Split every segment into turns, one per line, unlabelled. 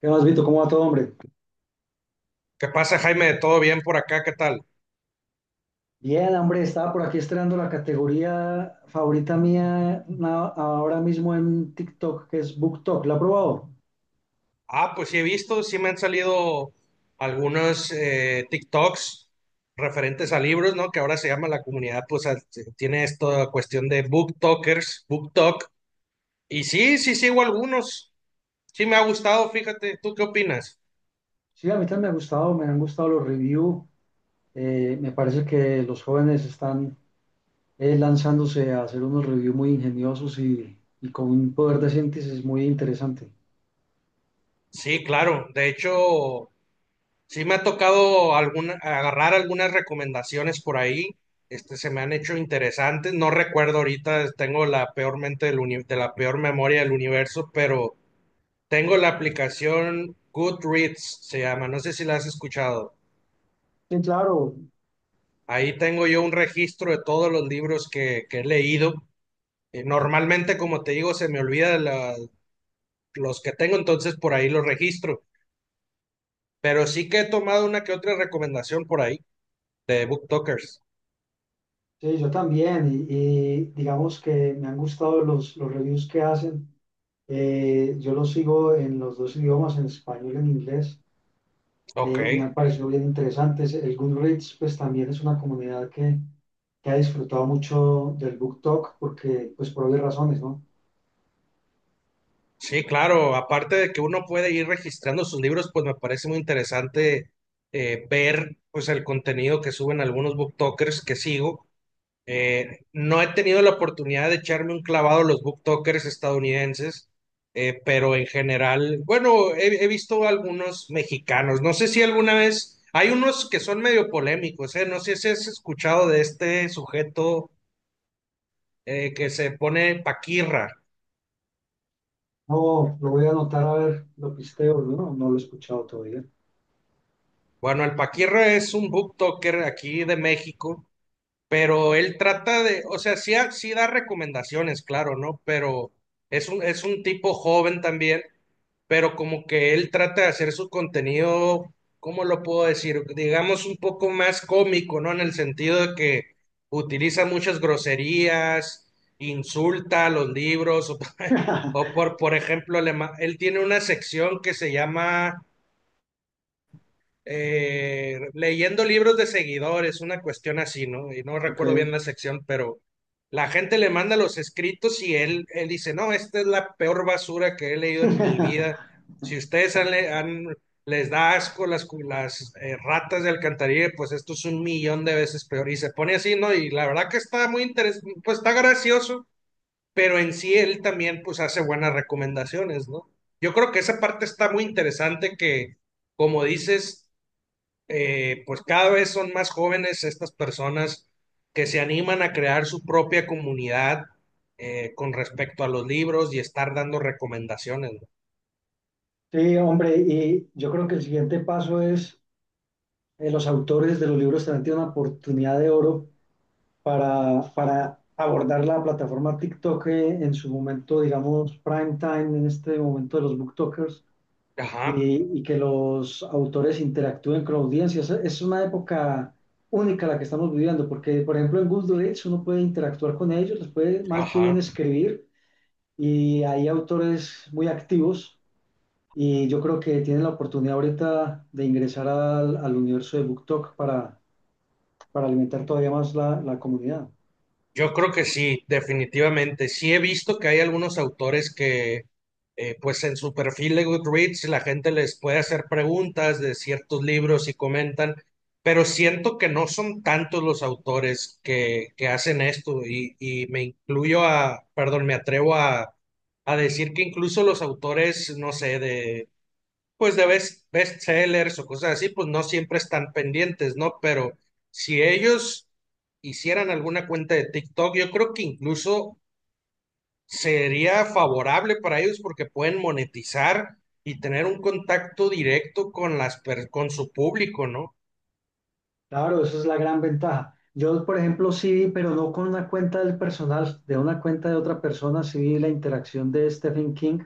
¿Qué más, Vito? ¿Cómo va todo, hombre?
¿Qué pasa, Jaime? ¿Todo bien por acá? ¿Qué tal?
Bien, hombre, estaba por aquí estrenando la categoría favorita mía ahora mismo en TikTok, que es BookTok. ¿La ha probado?
Ah, pues sí he visto, sí me han salido algunos TikToks referentes a libros, ¿no? Que ahora se llama la comunidad, tiene esta cuestión de booktalkers, booktalk. Y sí sigo algunos. Sí me ha gustado, fíjate. ¿Tú qué opinas?
Sí, a mí también me ha gustado, me han gustado los reviews. Me parece que los jóvenes están lanzándose a hacer unos reviews muy ingeniosos y con un poder de síntesis muy interesante.
Sí, claro. De hecho, sí me ha tocado agarrar algunas recomendaciones por ahí. Este, se me han hecho interesantes. No recuerdo ahorita, tengo la peor mente del uni- de la peor memoria del universo, pero tengo la aplicación Goodreads, se llama. No sé si la has escuchado.
Sí, claro,
Ahí tengo yo un registro de todos los libros que he leído. Normalmente, como te digo, se me olvida la- los que tengo, entonces por ahí los registro. Pero sí que he tomado una que otra recomendación por ahí de BookTokers.
sí, yo también. Y digamos que me han gustado los reviews que hacen. Yo los sigo en los dos idiomas, en español y en inglés,
Ok.
y me han parecido bien interesantes. El Goodreads, pues también es una comunidad que ha disfrutado mucho del Book Talk, porque, pues por obvias razones, ¿no?
Sí, claro, aparte de que uno puede ir registrando sus libros, pues me parece muy interesante, ver pues el contenido que suben algunos booktokers que sigo. No he tenido la oportunidad de echarme un clavado a los booktokers estadounidenses, pero en general, bueno, he visto algunos mexicanos. No sé si alguna vez, hay unos que son medio polémicos, no sé si has escuchado de este sujeto que se pone Paquirra.
No, lo voy a anotar a ver, lo pisteo, no, no lo he escuchado todavía.
Bueno, el Paquirra es un booktoker aquí de México, pero él trata de, o sea, sí, sí da recomendaciones, claro, ¿no? Pero es un tipo joven también, pero como que él trata de hacer su contenido, ¿cómo lo puedo decir? Digamos un poco más cómico, ¿no? En el sentido de que utiliza muchas groserías, insulta a los libros, o, por ejemplo, él tiene una sección que se llama, leyendo libros de seguidores, una cuestión así, ¿no? Y no
Ok.
recuerdo bien la sección, pero la gente le manda los escritos y él dice, no, esta es la peor basura que he leído en mi vida. Si ustedes les da asco las ratas de alcantarilla, pues esto es un millón de veces peor. Y se pone así, ¿no? Y la verdad que está muy interesante, pues está gracioso, pero en sí él también pues hace buenas recomendaciones, ¿no? Yo creo que esa parte está muy interesante que, como dices, pues cada vez son más jóvenes estas personas que se animan a crear su propia comunidad, con respecto a los libros y estar dando recomendaciones, ¿no?
Sí, hombre, y yo creo que el siguiente paso es los autores de los libros también tienen una oportunidad de oro para abordar la plataforma TikTok en su momento, digamos, prime time, en este momento de los booktokers,
Ajá,
y que los autores interactúen con la audiencia. Es una época única la que estamos viviendo, porque, por ejemplo, en Goodreads uno puede interactuar con ellos, les puede mal que bien
ajá.
escribir, y hay autores muy activos. Y yo creo que tienen la oportunidad ahorita de ingresar al universo de BookTok para alimentar todavía más la comunidad.
Yo creo que sí, definitivamente. Sí he visto que hay algunos autores que, pues en su perfil de Goodreads, la gente les puede hacer preguntas de ciertos libros y comentan, pero siento que no son tantos los autores que hacen esto y me incluyo a, perdón, me atrevo a decir que incluso los autores, no sé, de pues de bestsellers o cosas así, pues no siempre están pendientes, ¿no? Pero si ellos hicieran alguna cuenta de TikTok, yo creo que incluso sería favorable para ellos porque pueden monetizar y tener un contacto directo con con su público, ¿no?
Claro, esa es la gran ventaja. Yo, por ejemplo, sí vi, pero no con una cuenta del personal, de una cuenta de otra persona, sí vi la interacción de Stephen King.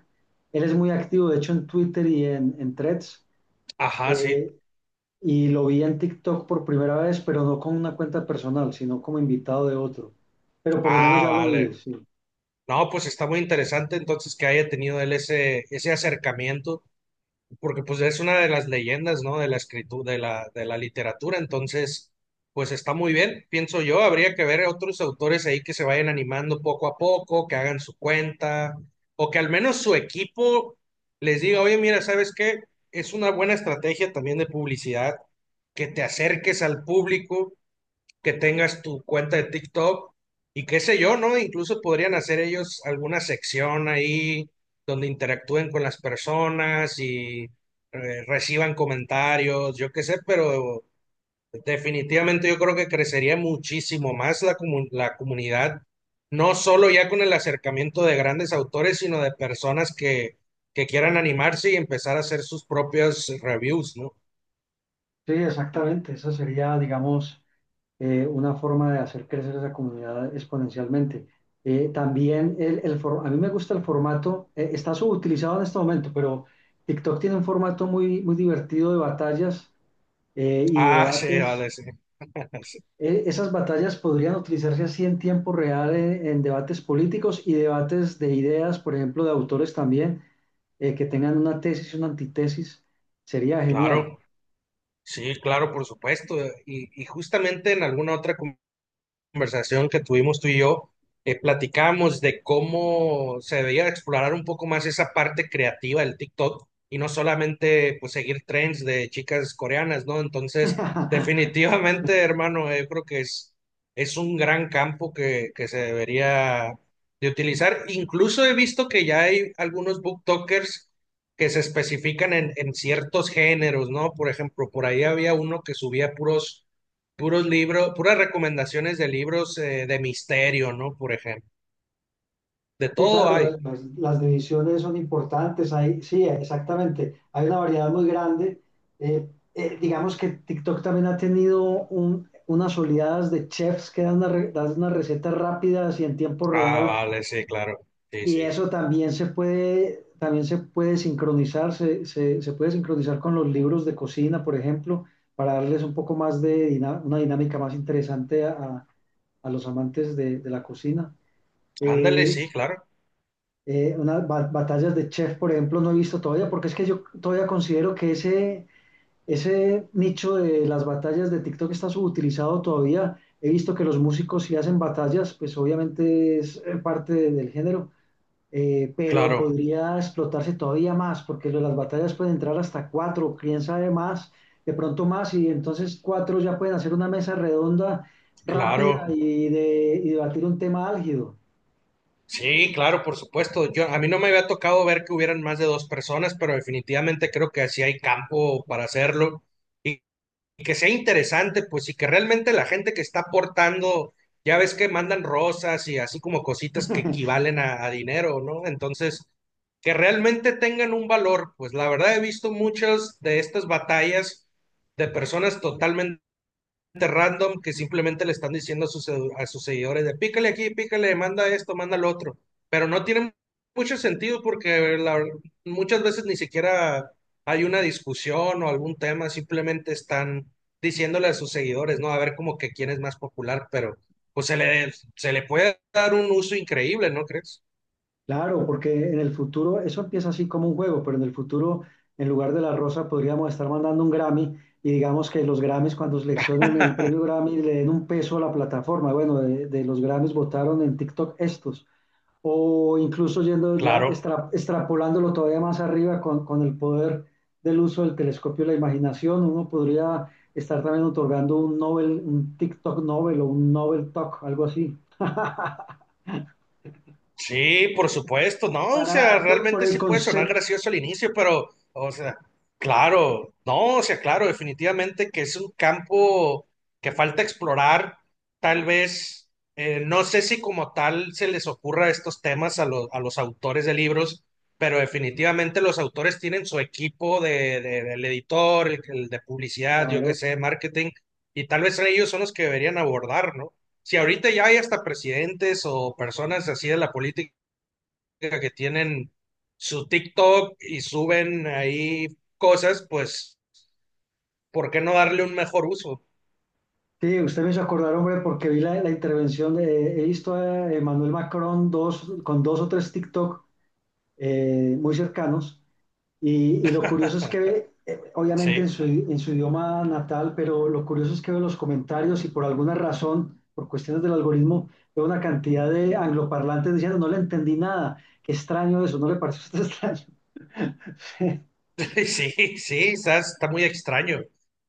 Él es muy activo, de hecho, en Twitter y en Threads.
Ajá, sí.
eh, y lo vi en TikTok por primera vez, pero no con una cuenta personal, sino como invitado de otro. Pero por lo menos
Ah,
ya lo
vale.
vi, sí.
No, pues está muy interesante entonces que haya tenido él ese acercamiento. Porque pues es una de las leyendas, ¿no? De la escritura, de de la literatura, entonces, pues está muy bien, pienso yo, habría que ver otros autores ahí que se vayan animando poco a poco, que hagan su cuenta, o que al menos su equipo les diga, oye, mira, ¿sabes qué? Es una buena estrategia también de publicidad, que te acerques al público, que tengas tu cuenta de TikTok y qué sé yo, ¿no? Incluso podrían hacer ellos alguna sección ahí donde interactúen con las personas y, reciban comentarios, yo qué sé, pero definitivamente yo creo que crecería muchísimo más la comunidad, no solo ya con el acercamiento de grandes autores, sino de personas que quieran animarse y empezar a hacer sus propias reviews, ¿no?
Sí, exactamente. Esa sería, digamos. Una forma de hacer crecer esa comunidad exponencialmente. También el a mí me gusta el formato, está subutilizado en este momento, pero TikTok tiene un formato muy, muy divertido de batallas y de
Ah, sí,
debates.
vale, sí.
Esas batallas podrían utilizarse así en tiempo real en debates políticos y debates de ideas, por ejemplo, de autores también, que tengan una tesis y una antitesis. Sería genial.
Claro. Sí, claro, por supuesto. Y justamente en alguna otra conversación que tuvimos tú y yo, platicamos de cómo se debería explorar un poco más esa parte creativa del TikTok y no solamente pues seguir trends de chicas coreanas, ¿no? Entonces, definitivamente, hermano, yo creo que es un gran campo que se debería de utilizar. Incluso he visto que ya hay algunos booktokers que se especifican en ciertos géneros, ¿no? Por ejemplo, por ahí había uno que subía puros libros, puras recomendaciones de libros, de misterio, ¿no? Por ejemplo. De
Sí,
todo
claro,
hay.
las divisiones son importantes. Hay, sí, exactamente. Hay una variedad muy grande. Digamos que TikTok también ha tenido unas oleadas de chefs que dan, dan unas recetas rápidas y en tiempo
Ah,
real.
vale, sí, claro. Sí,
Y
sí.
eso también se puede sincronizar, se puede sincronizar con los libros de cocina, por ejemplo, para darles un poco más de una dinámica más interesante a los amantes de la cocina.
Ándale,
Eh,
sí, claro.
Unas batallas de chef, por ejemplo, no he visto todavía, porque es que yo todavía considero que ese nicho de las batallas de TikTok está subutilizado todavía. He visto que los músicos sí hacen batallas, pues obviamente es parte del género, pero
Claro,
podría explotarse todavía más, porque lo de las batallas pueden entrar hasta cuatro, quién sabe más, de pronto más, y entonces cuatro ya pueden hacer una mesa redonda rápida
claro.
y, de, y debatir un tema álgido.
Sí, claro, por supuesto. Yo, a mí no me había tocado ver que hubieran más de dos personas, pero definitivamente creo que así hay campo para hacerlo, y que sea interesante, pues, y que realmente la gente que está aportando, ya ves que mandan rosas y así como cositas que equivalen a dinero, ¿no? Entonces, que realmente tengan un valor, pues la verdad he visto muchas de estas batallas de personas totalmente random que simplemente le están diciendo a a sus seguidores de pícale aquí, pícale, manda esto, manda lo otro. Pero no tiene mucho sentido porque muchas veces ni siquiera hay una discusión o algún tema, simplemente están diciéndole a sus seguidores, ¿no? A ver como que quién es más popular, pero pues se le puede dar un uso increíble, ¿no crees?
Claro, porque en el futuro, eso empieza así como un juego, pero en el futuro, en lugar de la rosa, podríamos estar mandando un Grammy y digamos que los Grammys, cuando seleccionen el premio Grammy, le den un peso a la plataforma. Bueno, de los Grammys votaron en TikTok estos. O incluso yendo ya,
Claro.
extrapolándolo todavía más arriba con el poder del uso del telescopio y la imaginación, uno podría estar también otorgando un Nobel, un TikTok Nobel o un Nobel Talk, algo así,
Sí, por supuesto, no, o sea,
para, por
realmente
el
sí puede sonar
concepto.
gracioso al inicio, pero, o sea, claro, no, o sea, claro, definitivamente que es un campo que falta explorar, tal vez, no sé si como tal se les ocurra estos temas a, a los autores de libros, pero definitivamente los autores tienen su equipo del editor, el de publicidad, yo qué
Claro.
sé, marketing, y tal vez ellos son los que deberían abordar, ¿no? Si ahorita ya hay hasta presidentes o personas así de la política que tienen su TikTok y suben ahí cosas, pues, ¿por qué no darle un mejor uso?
Sí, usted me hizo acordar, hombre, porque vi la, la intervención de, he visto a Emmanuel Macron dos, con dos o tres TikTok muy cercanos, y lo curioso es que ve, obviamente
Sí,
en su idioma natal, pero lo curioso es que ve los comentarios y por alguna razón, por cuestiones del algoritmo, veo una cantidad de angloparlantes diciendo, no le entendí nada, qué extraño eso, ¿no le pareció a usted extraño?
sí, sí, está muy extraño.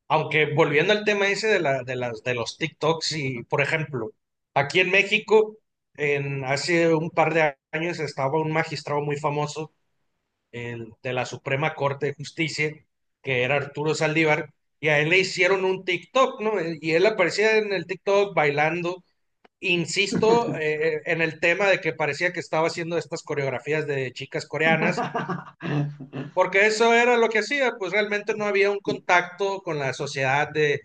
Aunque volviendo al tema ese de de los TikToks y, por ejemplo, aquí en México, hace un par de años estaba un magistrado muy famoso, el de la Suprema Corte de Justicia, que era Arturo Saldívar, y a él le hicieron un TikTok, ¿no? Y él aparecía en el TikTok bailando, insisto, en el tema de que parecía que estaba haciendo estas coreografías de chicas coreanas, porque eso era lo que hacía, pues realmente no había un contacto con la sociedad de,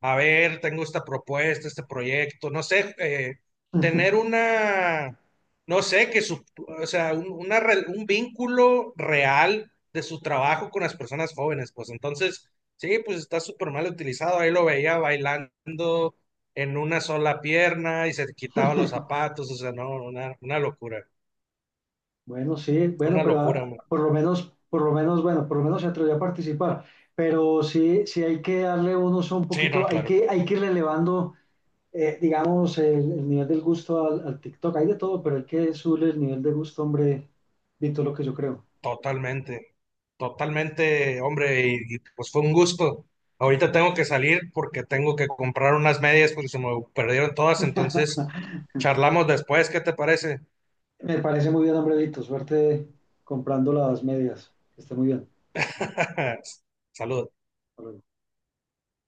a ver, tengo esta propuesta, este proyecto, no sé, tener no sé, que su, o sea, un, una re- un vínculo real de su trabajo con las personas jóvenes, pues entonces, sí, pues está súper mal utilizado, ahí lo veía bailando en una sola pierna y se quitaba los zapatos, o sea, no, una locura,
Bueno, sí, bueno,
una
pero
locura.
por lo menos, bueno, por lo menos se atrevió a participar. Pero sí, sí hay que darle un uso un
Sí, no,
poquito,
claro.
hay que ir elevando, digamos, el nivel del gusto al, al TikTok. Hay de todo, pero hay que subirle el nivel de gusto, hombre, Vito, lo que yo creo.
Totalmente, totalmente, hombre, pues fue un gusto. Ahorita tengo que salir porque tengo que comprar unas medias porque se me perdieron todas, entonces charlamos después, ¿qué te parece?
Me parece muy bien, hombre, Vito. Suerte comprando las medias. Que esté muy bien.
Saludos.
Hasta luego.